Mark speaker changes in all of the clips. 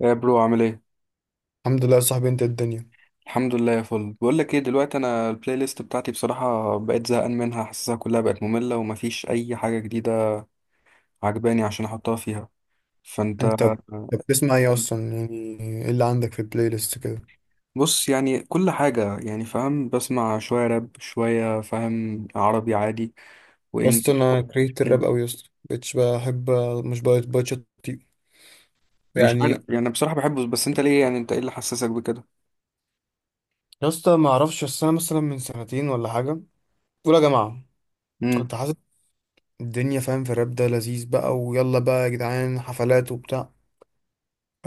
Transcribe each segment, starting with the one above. Speaker 1: يا برو، عامل ايه؟
Speaker 2: الحمد لله يا صاحبي. انت الدنيا.
Speaker 1: الحمد لله يا فل. بقول لك ايه، دلوقتي انا البلاي ليست بتاعتي بصراحه بقيت زهقان منها، حاسسها كلها بقت ممله ومفيش اي حاجه جديده عجباني عشان احطها فيها. فانت...
Speaker 2: انت ب- انت بتسمع ايه اصلا يعني؟ ايه اللي عندك في البلاي ليست كده؟
Speaker 1: بص، يعني كل حاجه، يعني فاهم، بسمع شويه راب شويه، فاهم عربي عادي
Speaker 2: بس
Speaker 1: وانجلش.
Speaker 2: انا كرهت الراب قوي يا اسطى، مبقتش بحب. مش بقيت.
Speaker 1: مش عارف،
Speaker 2: يعني
Speaker 1: يعني انا بصراحه بحبه، بس انت ليه؟ يعني انت ايه اللي حسسك بكده؟
Speaker 2: يا اسطى ما اعرفش، بس انا مثلا من سنتين ولا حاجه، اولى جماعه،
Speaker 1: امم
Speaker 2: كنت حاسس الدنيا فاهم في الراب ده لذيذ بقى، ويلا بقى يا جدعان حفلات وبتاع.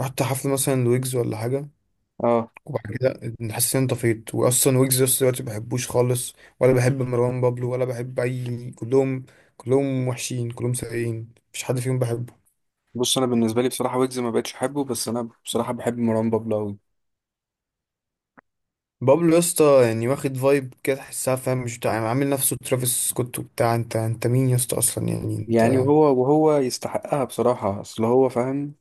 Speaker 2: رحت حفل مثلا لويجز ولا حاجه،
Speaker 1: اه،
Speaker 2: وبعد كده حسيت ان أنا طفيت. واصلا ويجز لسه دلوقتي ما بحبوش خالص، ولا بحب مروان بابلو، ولا بحب اي كلهم. كلهم وحشين، كلهم سيئين، مفيش حد فيهم بحبه.
Speaker 1: بص انا بالنسبه لي بصراحه ويجز ما بقتش احبه، بس انا بصراحه بحب مروان بابلو أوي.
Speaker 2: بابلو يا اسطى يعني واخد فايب كده تحسها فاهم، مش بتاع يعني عامل نفسه ترافيس سكوت وبتاع. انت مين يا اسطى اصلا، يعني
Speaker 1: يعني
Speaker 2: انت؟
Speaker 1: وهو يستحقها بصراحة، أصل هو فاهم.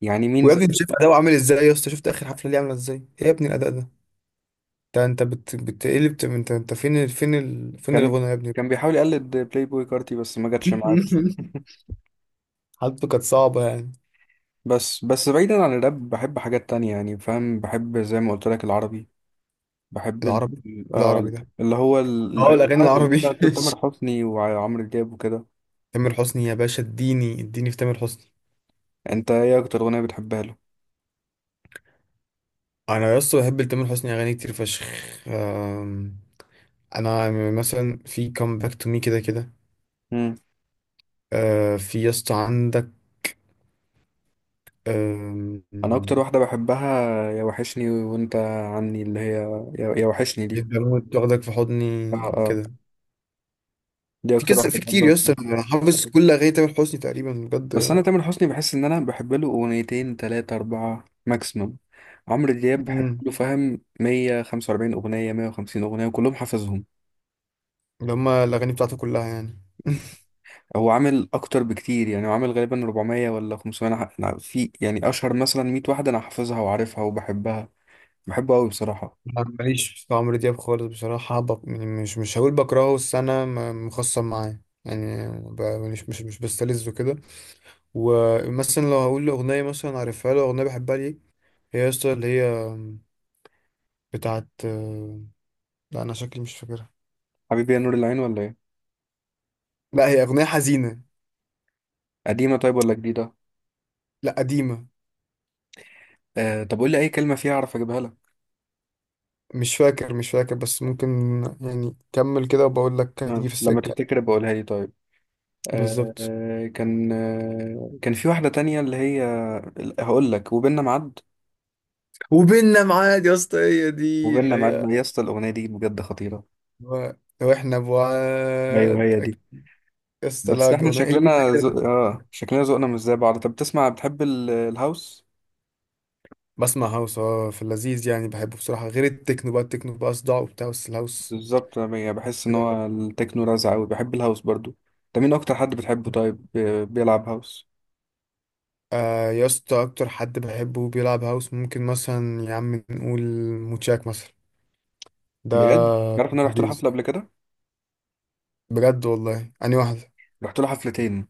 Speaker 1: يعني مين
Speaker 2: ويا
Speaker 1: زي...
Speaker 2: ابني انت شايف اداؤه عامل ازاي يا اسطى؟ شفت اخر حفله ليه عامله ازاي؟ ايه يا ابني الاداء ده؟ بتقلب. انت فين فين
Speaker 1: كان
Speaker 2: الغنى يا ابني؟
Speaker 1: كان بيحاول يقلد بلاي بوي كارتي بس ما جاتش معاه. بس
Speaker 2: حالته كانت صعبه يعني.
Speaker 1: بس بس بعيدا عن الراب بحب حاجات تانية، يعني فاهم، بحب زي ما قلت لك العربي، بحب
Speaker 2: العربي، العربي
Speaker 1: آه،
Speaker 2: ده.
Speaker 1: اللي هو
Speaker 2: اه
Speaker 1: الأغاني
Speaker 2: الاغاني
Speaker 1: العربي اللي هي
Speaker 2: العربي.
Speaker 1: بتاعت تامر حسني وعمرو دياب وكده.
Speaker 2: تامر حسني يا باشا، اديني في تامر حسني.
Speaker 1: أنت إيه أكتر أغنية بتحبها له؟
Speaker 2: انا يا اسطى بحب تامر حسني اغاني كتير فشخ. آم، انا مثلا في كام باك تو مي كده كده.
Speaker 1: مم.
Speaker 2: في يا اسطى عندك. آم،
Speaker 1: أنا أكتر واحدة بحبها يا وحشني وأنت عني، اللي هي يا وحشني دي.
Speaker 2: البنوة تاخدك في
Speaker 1: آه
Speaker 2: حضني
Speaker 1: آه،
Speaker 2: كده.
Speaker 1: دي
Speaker 2: في
Speaker 1: أكتر
Speaker 2: كذا،
Speaker 1: واحدة
Speaker 2: في كتير يا
Speaker 1: بحبها.
Speaker 2: اسطى، انا حافظ كل اغاني تامر حسني تقريبا
Speaker 1: بس
Speaker 2: بجد.
Speaker 1: انا تامر حسني بحس ان انا بحب له اغنيتين تلاتة اربعة ماكسيموم. عمرو دياب بحب
Speaker 2: مم.
Speaker 1: له فاهم 145 اغنية 150 اغنية وكلهم حافظهم.
Speaker 2: اللي هما الاغاني بتاعته كلها يعني.
Speaker 1: هو عامل اكتر بكتير، يعني هو عامل غالبا 400 ولا 500. أنا في يعني اشهر مثلا 100 واحدة انا حافظها وعارفها وبحبها. بحبه قوي بصراحة.
Speaker 2: أنا ماليش في عمرو دياب خالص بصراحة. يعني مش هقول بكرهه، بس أنا مخصم معاه يعني. مش بستلذه كده. ومثلا لو هقول له اغنيه، مثلا عارفها له اغنيه بحبها ليه، هي يا اسطى اللي هي بتاعت، لا انا شكلي مش فاكرها.
Speaker 1: حبيبي يا نور العين ولا ايه؟
Speaker 2: لا هي اغنيه حزينه.
Speaker 1: قديمة طيب ولا جديدة؟
Speaker 2: لا قديمه.
Speaker 1: آه، طب قول لي اي كلمة فيها اعرف اجيبها لك.
Speaker 2: مش فاكر، بس ممكن يعني كمل كده وبقول لك هتيجي
Speaker 1: آه،
Speaker 2: في
Speaker 1: لما
Speaker 2: السكه.
Speaker 1: تفتكر بقولها لي طيب. آه
Speaker 2: بالظبط.
Speaker 1: آه، كان في واحدة تانية اللي هي... هقول لك، وبيننا ميعاد.
Speaker 2: وبيننا معاد يا اسطى، هي دي اللي
Speaker 1: وبيننا ميعاد،
Speaker 2: هي.
Speaker 1: يا اسطى الاغنيه دي بجد خطيره.
Speaker 2: و- واحنا
Speaker 1: ايوه
Speaker 2: بعاد
Speaker 1: هي دي.
Speaker 2: يا اسطى، لا
Speaker 1: بس احنا
Speaker 2: اغنيه هي دي
Speaker 1: شكلنا
Speaker 2: الوحيدة اللي.
Speaker 1: اه شكلنا ذوقنا مش زي بعض. طب بتسمع، بتحب الهاوس؟
Speaker 2: بسمع هاوس اه، في اللذيذ يعني بحبه بصراحه. غير التكنو بقى، التكنو بقى صداع وبتاع، بس الهاوس
Speaker 1: بالظبط، انا يعني بحس ان
Speaker 2: كده.
Speaker 1: هو التكنو رزع قوي، بحب الهاوس برضو. انت مين اكتر حد بتحبه طيب بيلعب هاوس؟
Speaker 2: آه يا اسطى اكتر حد بحبه بيلعب هاوس ممكن مثلا يا عم نقول موتشاك مثلا. ده
Speaker 1: بجد، عارف ان انا رحت له
Speaker 2: لذيذ
Speaker 1: حفله قبل كده.
Speaker 2: بجد والله. اني واحدة،
Speaker 1: رحت له حفلتين.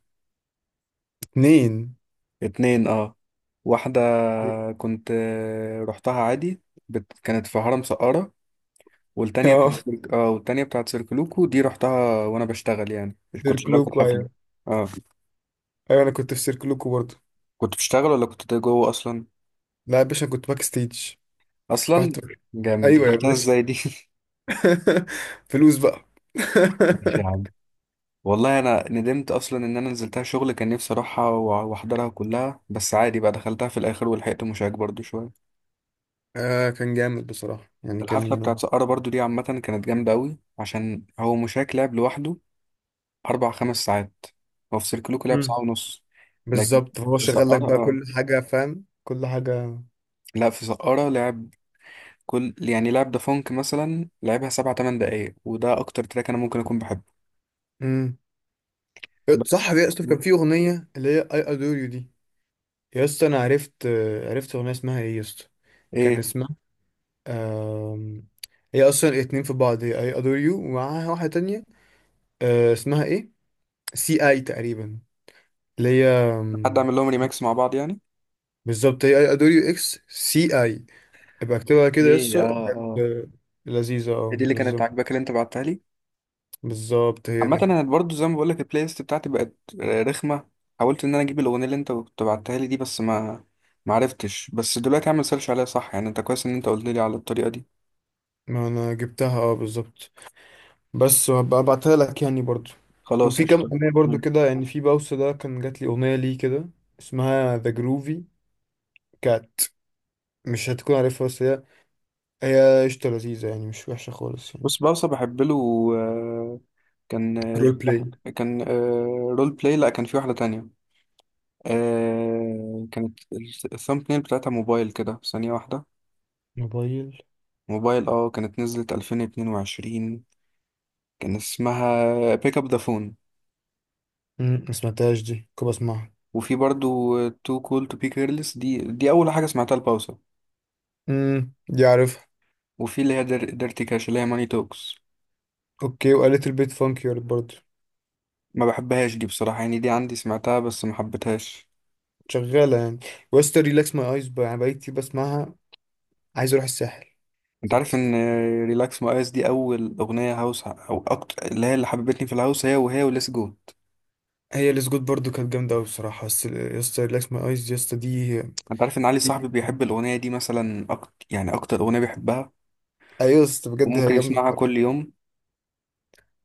Speaker 2: اتنين.
Speaker 1: اتنين اه. واحده كنت، آه، رحتها عادي. كانت في هرم سقارة، والتانية
Speaker 2: اه،
Speaker 1: بتاعت سيرك اه، والتانية بتاعت سيركلوكو دي رحتها وانا بشتغل يعني. كنت شغال في
Speaker 2: سيركلوكو
Speaker 1: الحفلة.
Speaker 2: ايوه.
Speaker 1: اه.
Speaker 2: ايوه انا كنت في سيركلوكو برضه.
Speaker 1: كنت بشتغل ولا كنت جوه اصلا؟
Speaker 2: لا يا باشا أنا كنت باك ستيج.
Speaker 1: اصلا
Speaker 2: رحت
Speaker 1: جامد،
Speaker 2: ايوه يا
Speaker 1: دخلتها
Speaker 2: باشا.
Speaker 1: ازاي دي
Speaker 2: فلوس بقى.
Speaker 1: ماشي يا عم. والله انا ندمت اصلا ان انا نزلتها شغل، كان نفسي اروحها واحضرها كلها، بس عادي بقى دخلتها في الاخر ولحقت مشاك برضو شوية.
Speaker 2: آه كان جامد بصراحة يعني
Speaker 1: الحفلة
Speaker 2: كان.
Speaker 1: بتاعت سقارة برضو دي عامة كانت جامدة قوي عشان هو مشاك لعب لوحده 4-5 ساعات. هو في سيركلوكو لعب ساعة
Speaker 2: امم.
Speaker 1: ونص. لكن
Speaker 2: بالظبط هو
Speaker 1: في
Speaker 2: شغال لك
Speaker 1: سقارة
Speaker 2: بقى
Speaker 1: اه،
Speaker 2: كل حاجة فاهم كل حاجة.
Speaker 1: لا في سقارة لعب كل، يعني لعب ده فونك مثلا لعبها 7-8 دقايق، وده اكتر تراك انا ممكن اكون بحبه.
Speaker 2: امم.
Speaker 1: بس
Speaker 2: صح يا اسطى
Speaker 1: مم.
Speaker 2: كان في أغنية اللي هي I adore you دي. يا اسطى انا عرفت، عرفت اغنيه اسمها ايه يا اسطى. كان
Speaker 1: ايه؟
Speaker 2: اسمها آم، هي اصلا اتنين في بعض، هي اي ادور يو ومعاها واحده تانية. اسمها ايه، سي اي تقريبا، اللي هي
Speaker 1: حد اعمل لهم ريماكس مع بعض يعني؟
Speaker 2: بالظبط، هي اي ادور يو اكس سي اي. ابقى اكتبها كده يا
Speaker 1: ايه
Speaker 2: اسطى
Speaker 1: اه اه،
Speaker 2: بجد. لذيذه اه
Speaker 1: هي دي اللي كانت
Speaker 2: لذيذه.
Speaker 1: عاجباك اللي انت بعتها لي.
Speaker 2: بالظبط هي
Speaker 1: عامه
Speaker 2: دي.
Speaker 1: انا برضو زي ما بقول لك البلاي ليست بتاعتي بقت، آه، رخمه. حاولت ان انا اجيب الاغنيه اللي انت كنت بعتها لي دي بس ما عرفتش. بس دلوقتي اعمل سيرش عليها صح يعني، انت كويس ان انت قلت لي على الطريقه دي.
Speaker 2: ما انا جبتها اه بالظبط. بس وهبقى ابعتها لك يعني برضو.
Speaker 1: خلاص
Speaker 2: وفي كام
Speaker 1: قشطه.
Speaker 2: اغنيه برضو
Speaker 1: مم.
Speaker 2: كده يعني. في باوس ده كان جات لي اغنيه ليه كده اسمها ذا جروفي كات. مش هتكون عارفها، بس هي هي قشطة لذيذة يعني مش وحشة خالص يعني.
Speaker 1: بص بوسة بحب له، آه، كان
Speaker 2: رول بلاي،
Speaker 1: كان رول بلاي، لا كان في واحده تانية. آه كانت الثامب نيل بتاعتها موبايل كده، ثانية واحدة.
Speaker 2: موبايل.
Speaker 1: موبايل اه، كانت نزلت 2022، كان اسمها بيك اب ذا فون.
Speaker 2: ما سمعتهاش دي، كنت بسمعها.
Speaker 1: وفي برضو تو كول تو بي كيرلس، دي أول حاجة سمعتها لباوسا.
Speaker 2: امم، دي عارفها.
Speaker 1: وفي اللي هي ديرتي كاش اللي هي ماني توكس.
Speaker 2: اوكي، وقالت البيت فانكي يارد برضه.
Speaker 1: ما بحبهاش دي بصراحة، يعني دي عندي سمعتها بس ما حبيتهاش.
Speaker 2: شغالة يعني. وستر ريلاكس ماي ايز بقى انا بقيت كتير بسمعها. عايز اروح الساحل
Speaker 1: انت
Speaker 2: بجد.
Speaker 1: عارف ان ريلاكس مقاس دي اول اغنية هاوس او اكتر، اللي هي اللي حببتني في الهاوس، هي وهي وليس جوت.
Speaker 2: هي الاسجود برضه كانت جامدة اوي بصراحة، بس يسطا ريلاكس ماي ايز يسطا دي.
Speaker 1: انت عارف ان علي
Speaker 2: دي-
Speaker 1: صاحبي بيحب الاغنية دي مثلا أكتر، يعني اكتر اغنية بيحبها
Speaker 2: ايوه يا اسطى بجد هي
Speaker 1: وممكن
Speaker 2: جامده
Speaker 1: يسمعها
Speaker 2: بصراحة.
Speaker 1: كل يوم.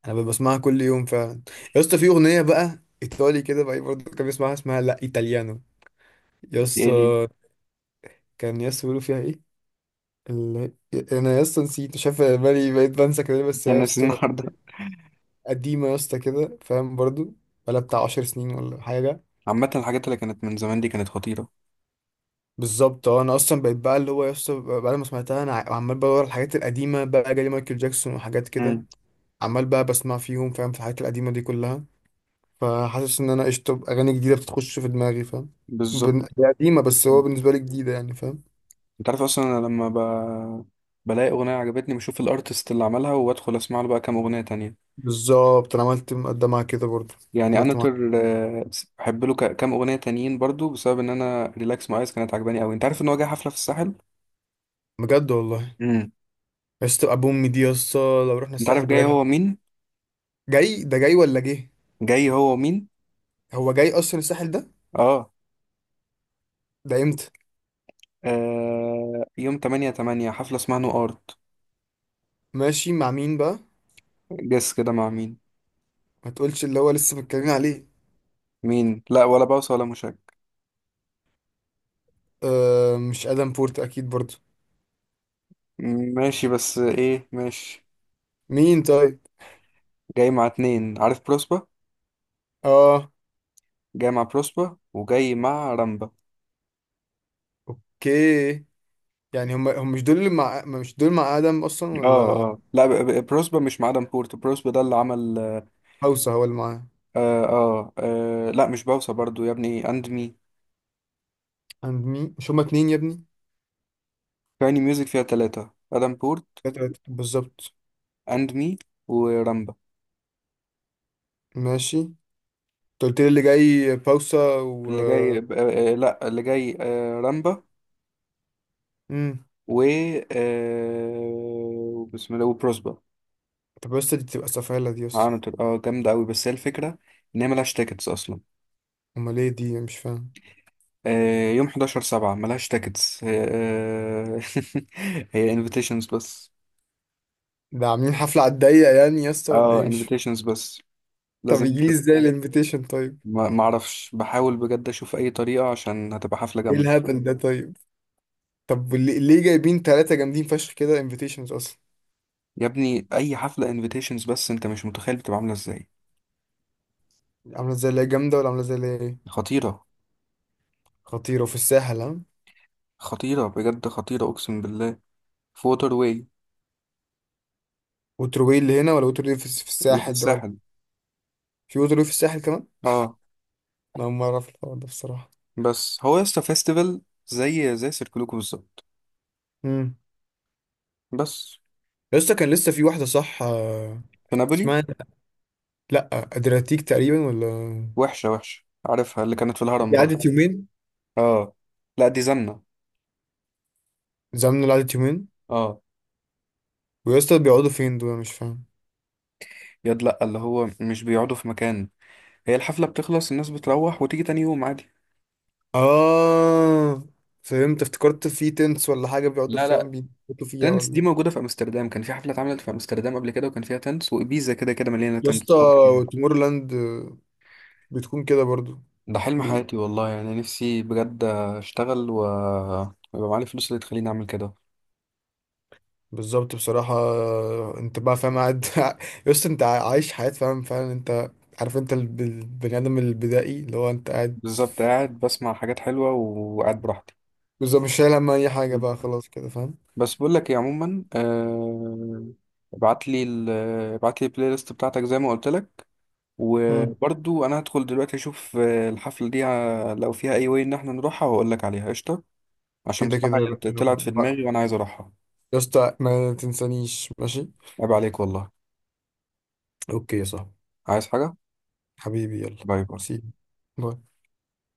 Speaker 2: انا بسمعها كل يوم فعلا. يا اسطى في اغنيه بقى ايطالي كده بقى برضه كان بيسمعها اسمها لا ايطاليانو. يا
Speaker 1: دي
Speaker 2: اسطى
Speaker 1: دي
Speaker 2: كان يس بيقولوا فيها ايه ال... انا يس نسيت، شايف بالي بقيت بنسى كده، بس
Speaker 1: دي
Speaker 2: هي يا
Speaker 1: الناس
Speaker 2: اسطى
Speaker 1: النهارده.
Speaker 2: قديمه يا اسطى كده فاهم برضو، بقالها بتاع 10 سنين ولا حاجه.
Speaker 1: عامة الحاجات اللي كانت من زمان دي كانت خطيرة.
Speaker 2: بالظبط اه، انا اصلا بقيت بقى اللي هو يا اسطى، بعد ما سمعتها انا عمال بدور على الحاجات القديمه بقى، جالي مايكل جاكسون وحاجات كده.
Speaker 1: مم.
Speaker 2: عمال بقى بسمع فيهم فاهم، في الحاجات القديمه دي كلها. فحاسس ان انا قشطه اغاني جديده بتخش في دماغي فاهم.
Speaker 1: بالظبط.
Speaker 2: هي قديمه بس هو
Speaker 1: مم.
Speaker 2: بالنسبه لي جديده يعني فاهم.
Speaker 1: انت عارف اصلا انا لما بلاقي اغنية عجبتني بشوف الارتست اللي عملها، وادخل اسمع له بقى كام اغنية تانية.
Speaker 2: بالظبط، انا عملت مقدمه كده برضو،
Speaker 1: يعني انا
Speaker 2: عملت معاها.
Speaker 1: آه، بحب له كام اغنية تانيين برضو بسبب ان انا ريلاكس ماي ايز كانت عجباني قوي. انت عارف ان هو جاي حفلة في الساحل؟
Speaker 2: بجد والله؟
Speaker 1: مم.
Speaker 2: يا اسطى ابو امي دي يا اسطى، لو رحنا
Speaker 1: انت عارف
Speaker 2: الساحل
Speaker 1: جاي
Speaker 2: بجد.
Speaker 1: هو مين؟
Speaker 2: جاي ده، جاي ولا جه؟
Speaker 1: جاي هو مين؟
Speaker 2: هو جاي اصلا الساحل ده؟
Speaker 1: اه,
Speaker 2: ده امتى؟
Speaker 1: آه... يوم 8 8 حفلة اسمها نو ارت.
Speaker 2: ماشي مع مين بقى؟
Speaker 1: جس كده مع مين؟
Speaker 2: ما تقولش اللي هو لسه متكلمين عليه.
Speaker 1: مين؟ لا، ولا باوسة ولا مشاك.
Speaker 2: آه مش ادم بورت اكيد برضو.
Speaker 1: ماشي بس ايه ماشي.
Speaker 2: مين طيب؟
Speaker 1: جاي مع اتنين، عارف بروسبا.
Speaker 2: اه
Speaker 1: جاي مع بروسبا وجاي مع رامبا.
Speaker 2: اوكي. يعني هم مش دول اللي مع، ما مش دول مع ادم اصلا
Speaker 1: اه
Speaker 2: ولا؟
Speaker 1: اه، لا بروسبا مش مع ادم بورت. بروسبا ده اللي عمل
Speaker 2: هوسه هو اللي معاه؟
Speaker 1: آه آه, اه لا مش باوسا برضو يا ابني، اند مي.
Speaker 2: عند مين؟ مش هما اتنين يا ابني؟
Speaker 1: كايني ميوزك فيها تلاتة ادم بورت،
Speaker 2: تلاتة بالظبط.
Speaker 1: اند مي، ورامبا.
Speaker 2: ماشي. انت قلت لي اللي جاي باوسا و.
Speaker 1: اللي جاي ب- آه آه، لا اللي جاي آه رامبا،
Speaker 2: امم.
Speaker 1: و... آه بسم الله وبروسبا.
Speaker 2: طب يا اسطى دي بتبقى سفالة دي يا اسطى.
Speaker 1: عامل اه جامدة أوي، بس هي الفكرة إن هي ملهاش تيكتس أصلا.
Speaker 2: امال ايه دي مش فاهم؟
Speaker 1: آه، يوم 11 7 ملهاش تاكتس، آه، هي انفيتيشنز بس.
Speaker 2: ده عاملين حفلة على الضيق يعني يا اسطى ولا
Speaker 1: اه
Speaker 2: ايه؟ مش،
Speaker 1: انفيتيشنز بس.
Speaker 2: طب
Speaker 1: لازم انت.
Speaker 2: يجيلي ازاي الانفيتيشن طيب؟
Speaker 1: ما اعرفش، بحاول بجد اشوف اي طريقة عشان هتبقى حفلة
Speaker 2: ايه
Speaker 1: جامدة.
Speaker 2: الهبل ده طيب؟ طب ليه جايبين ثلاثة جامدين فشخ كده انفيتيشنز اصلا؟
Speaker 1: يا ابني اي حفلة انفيتيشنز بس، انت مش متخيل بتبقى عاملة ازاي.
Speaker 2: عاملة زي اللي هي جامدة، ولا عاملة زي اللي هي ايه؟
Speaker 1: خطيرة.
Speaker 2: خطيرة في الساحل ها؟
Speaker 1: خطيرة بجد، خطيرة اقسم بالله. في ووتر واي.
Speaker 2: وتروي اللي هنا، ولا وتروي في، في
Speaker 1: اللي في
Speaker 2: الساحل ده ولا؟
Speaker 1: الساحل
Speaker 2: في وتروي في الساحل كمان؟
Speaker 1: اه.
Speaker 2: انا اول مرة اعرف الحوار ده بصراحة.
Speaker 1: بس هو يسطا فيستيفال، زي زي سيركلوكو بالظبط.
Speaker 2: امم.
Speaker 1: بس
Speaker 2: يا اسطى كان لسه في واحدة صح،
Speaker 1: في نابولي.
Speaker 2: اسمها لا ادرياتيك تقريبا ولا؟
Speaker 1: وحشة وحشة، عارفها اللي كانت في الهرم
Speaker 2: دي
Speaker 1: برضه.
Speaker 2: قعدت يومين.
Speaker 1: اه. لا دي زنة.
Speaker 2: زمن اللي قعدت يومين.
Speaker 1: اه.
Speaker 2: ويا اسطى بيقعدوا فين دول أنا مش فاهم.
Speaker 1: ياد لأ، اللي هو مش بيقعدوا في مكان. هي الحفلة بتخلص الناس بتروح وتيجي تاني يوم عادي.
Speaker 2: اه فهمت، افتكرت في تنس ولا حاجة بيقعدوا
Speaker 1: لا
Speaker 2: فيها
Speaker 1: لا.
Speaker 2: بيموتوا فيها
Speaker 1: تنس دي
Speaker 2: ولا.
Speaker 1: موجودة في أمستردام، كان في حفلة اتعملت في أمستردام قبل كده وكان فيها تنس، وإبيزا كده كده مليانة
Speaker 2: يا
Speaker 1: تنس
Speaker 2: اسطى
Speaker 1: طب فيها.
Speaker 2: تومورلاند بتكون كده برضو.
Speaker 1: ده حلم
Speaker 2: بي...
Speaker 1: حياتي والله، يعني نفسي بجد أشتغل و... ويبقى معايا الفلوس اللي تخليني أعمل كده.
Speaker 2: بالظبط بصراحة. انت بقى فاهم قاعد يا اسطى، انت عايش حياة فاهم فعلا انت. عارف انت البني آدم البدائي اللي هو انت قاعد.
Speaker 1: بالظبط، قاعد بسمع حاجات حلوة وقاعد براحتي.
Speaker 2: بالظبط، مش شايل هم أي حاجة
Speaker 1: مم.
Speaker 2: بقى خلاص كده فاهم.
Speaker 1: بس بقول لك ايه عموما، آه... ابعت لي ابعت لي البلاي ليست بتاعتك زي ما قلت لك.
Speaker 2: مم.
Speaker 1: وبرضو انا هدخل دلوقتي اشوف، آه، الحفلة دي، آه، لو فيها اي واي ان احنا نروحها واقول لك عليها قشطة. عشان
Speaker 2: كده كده
Speaker 1: بصراحة
Speaker 2: يا باشا
Speaker 1: هي طلعت في
Speaker 2: بقى.
Speaker 1: دماغي وانا عايز اروحها.
Speaker 2: يا اسطى ما تنسانيش، ماشي؟
Speaker 1: عيب عليك والله.
Speaker 2: اوكي يا صاحبي.
Speaker 1: عايز حاجة؟
Speaker 2: حبيبي يلا.
Speaker 1: باي باي.
Speaker 2: سي. باي.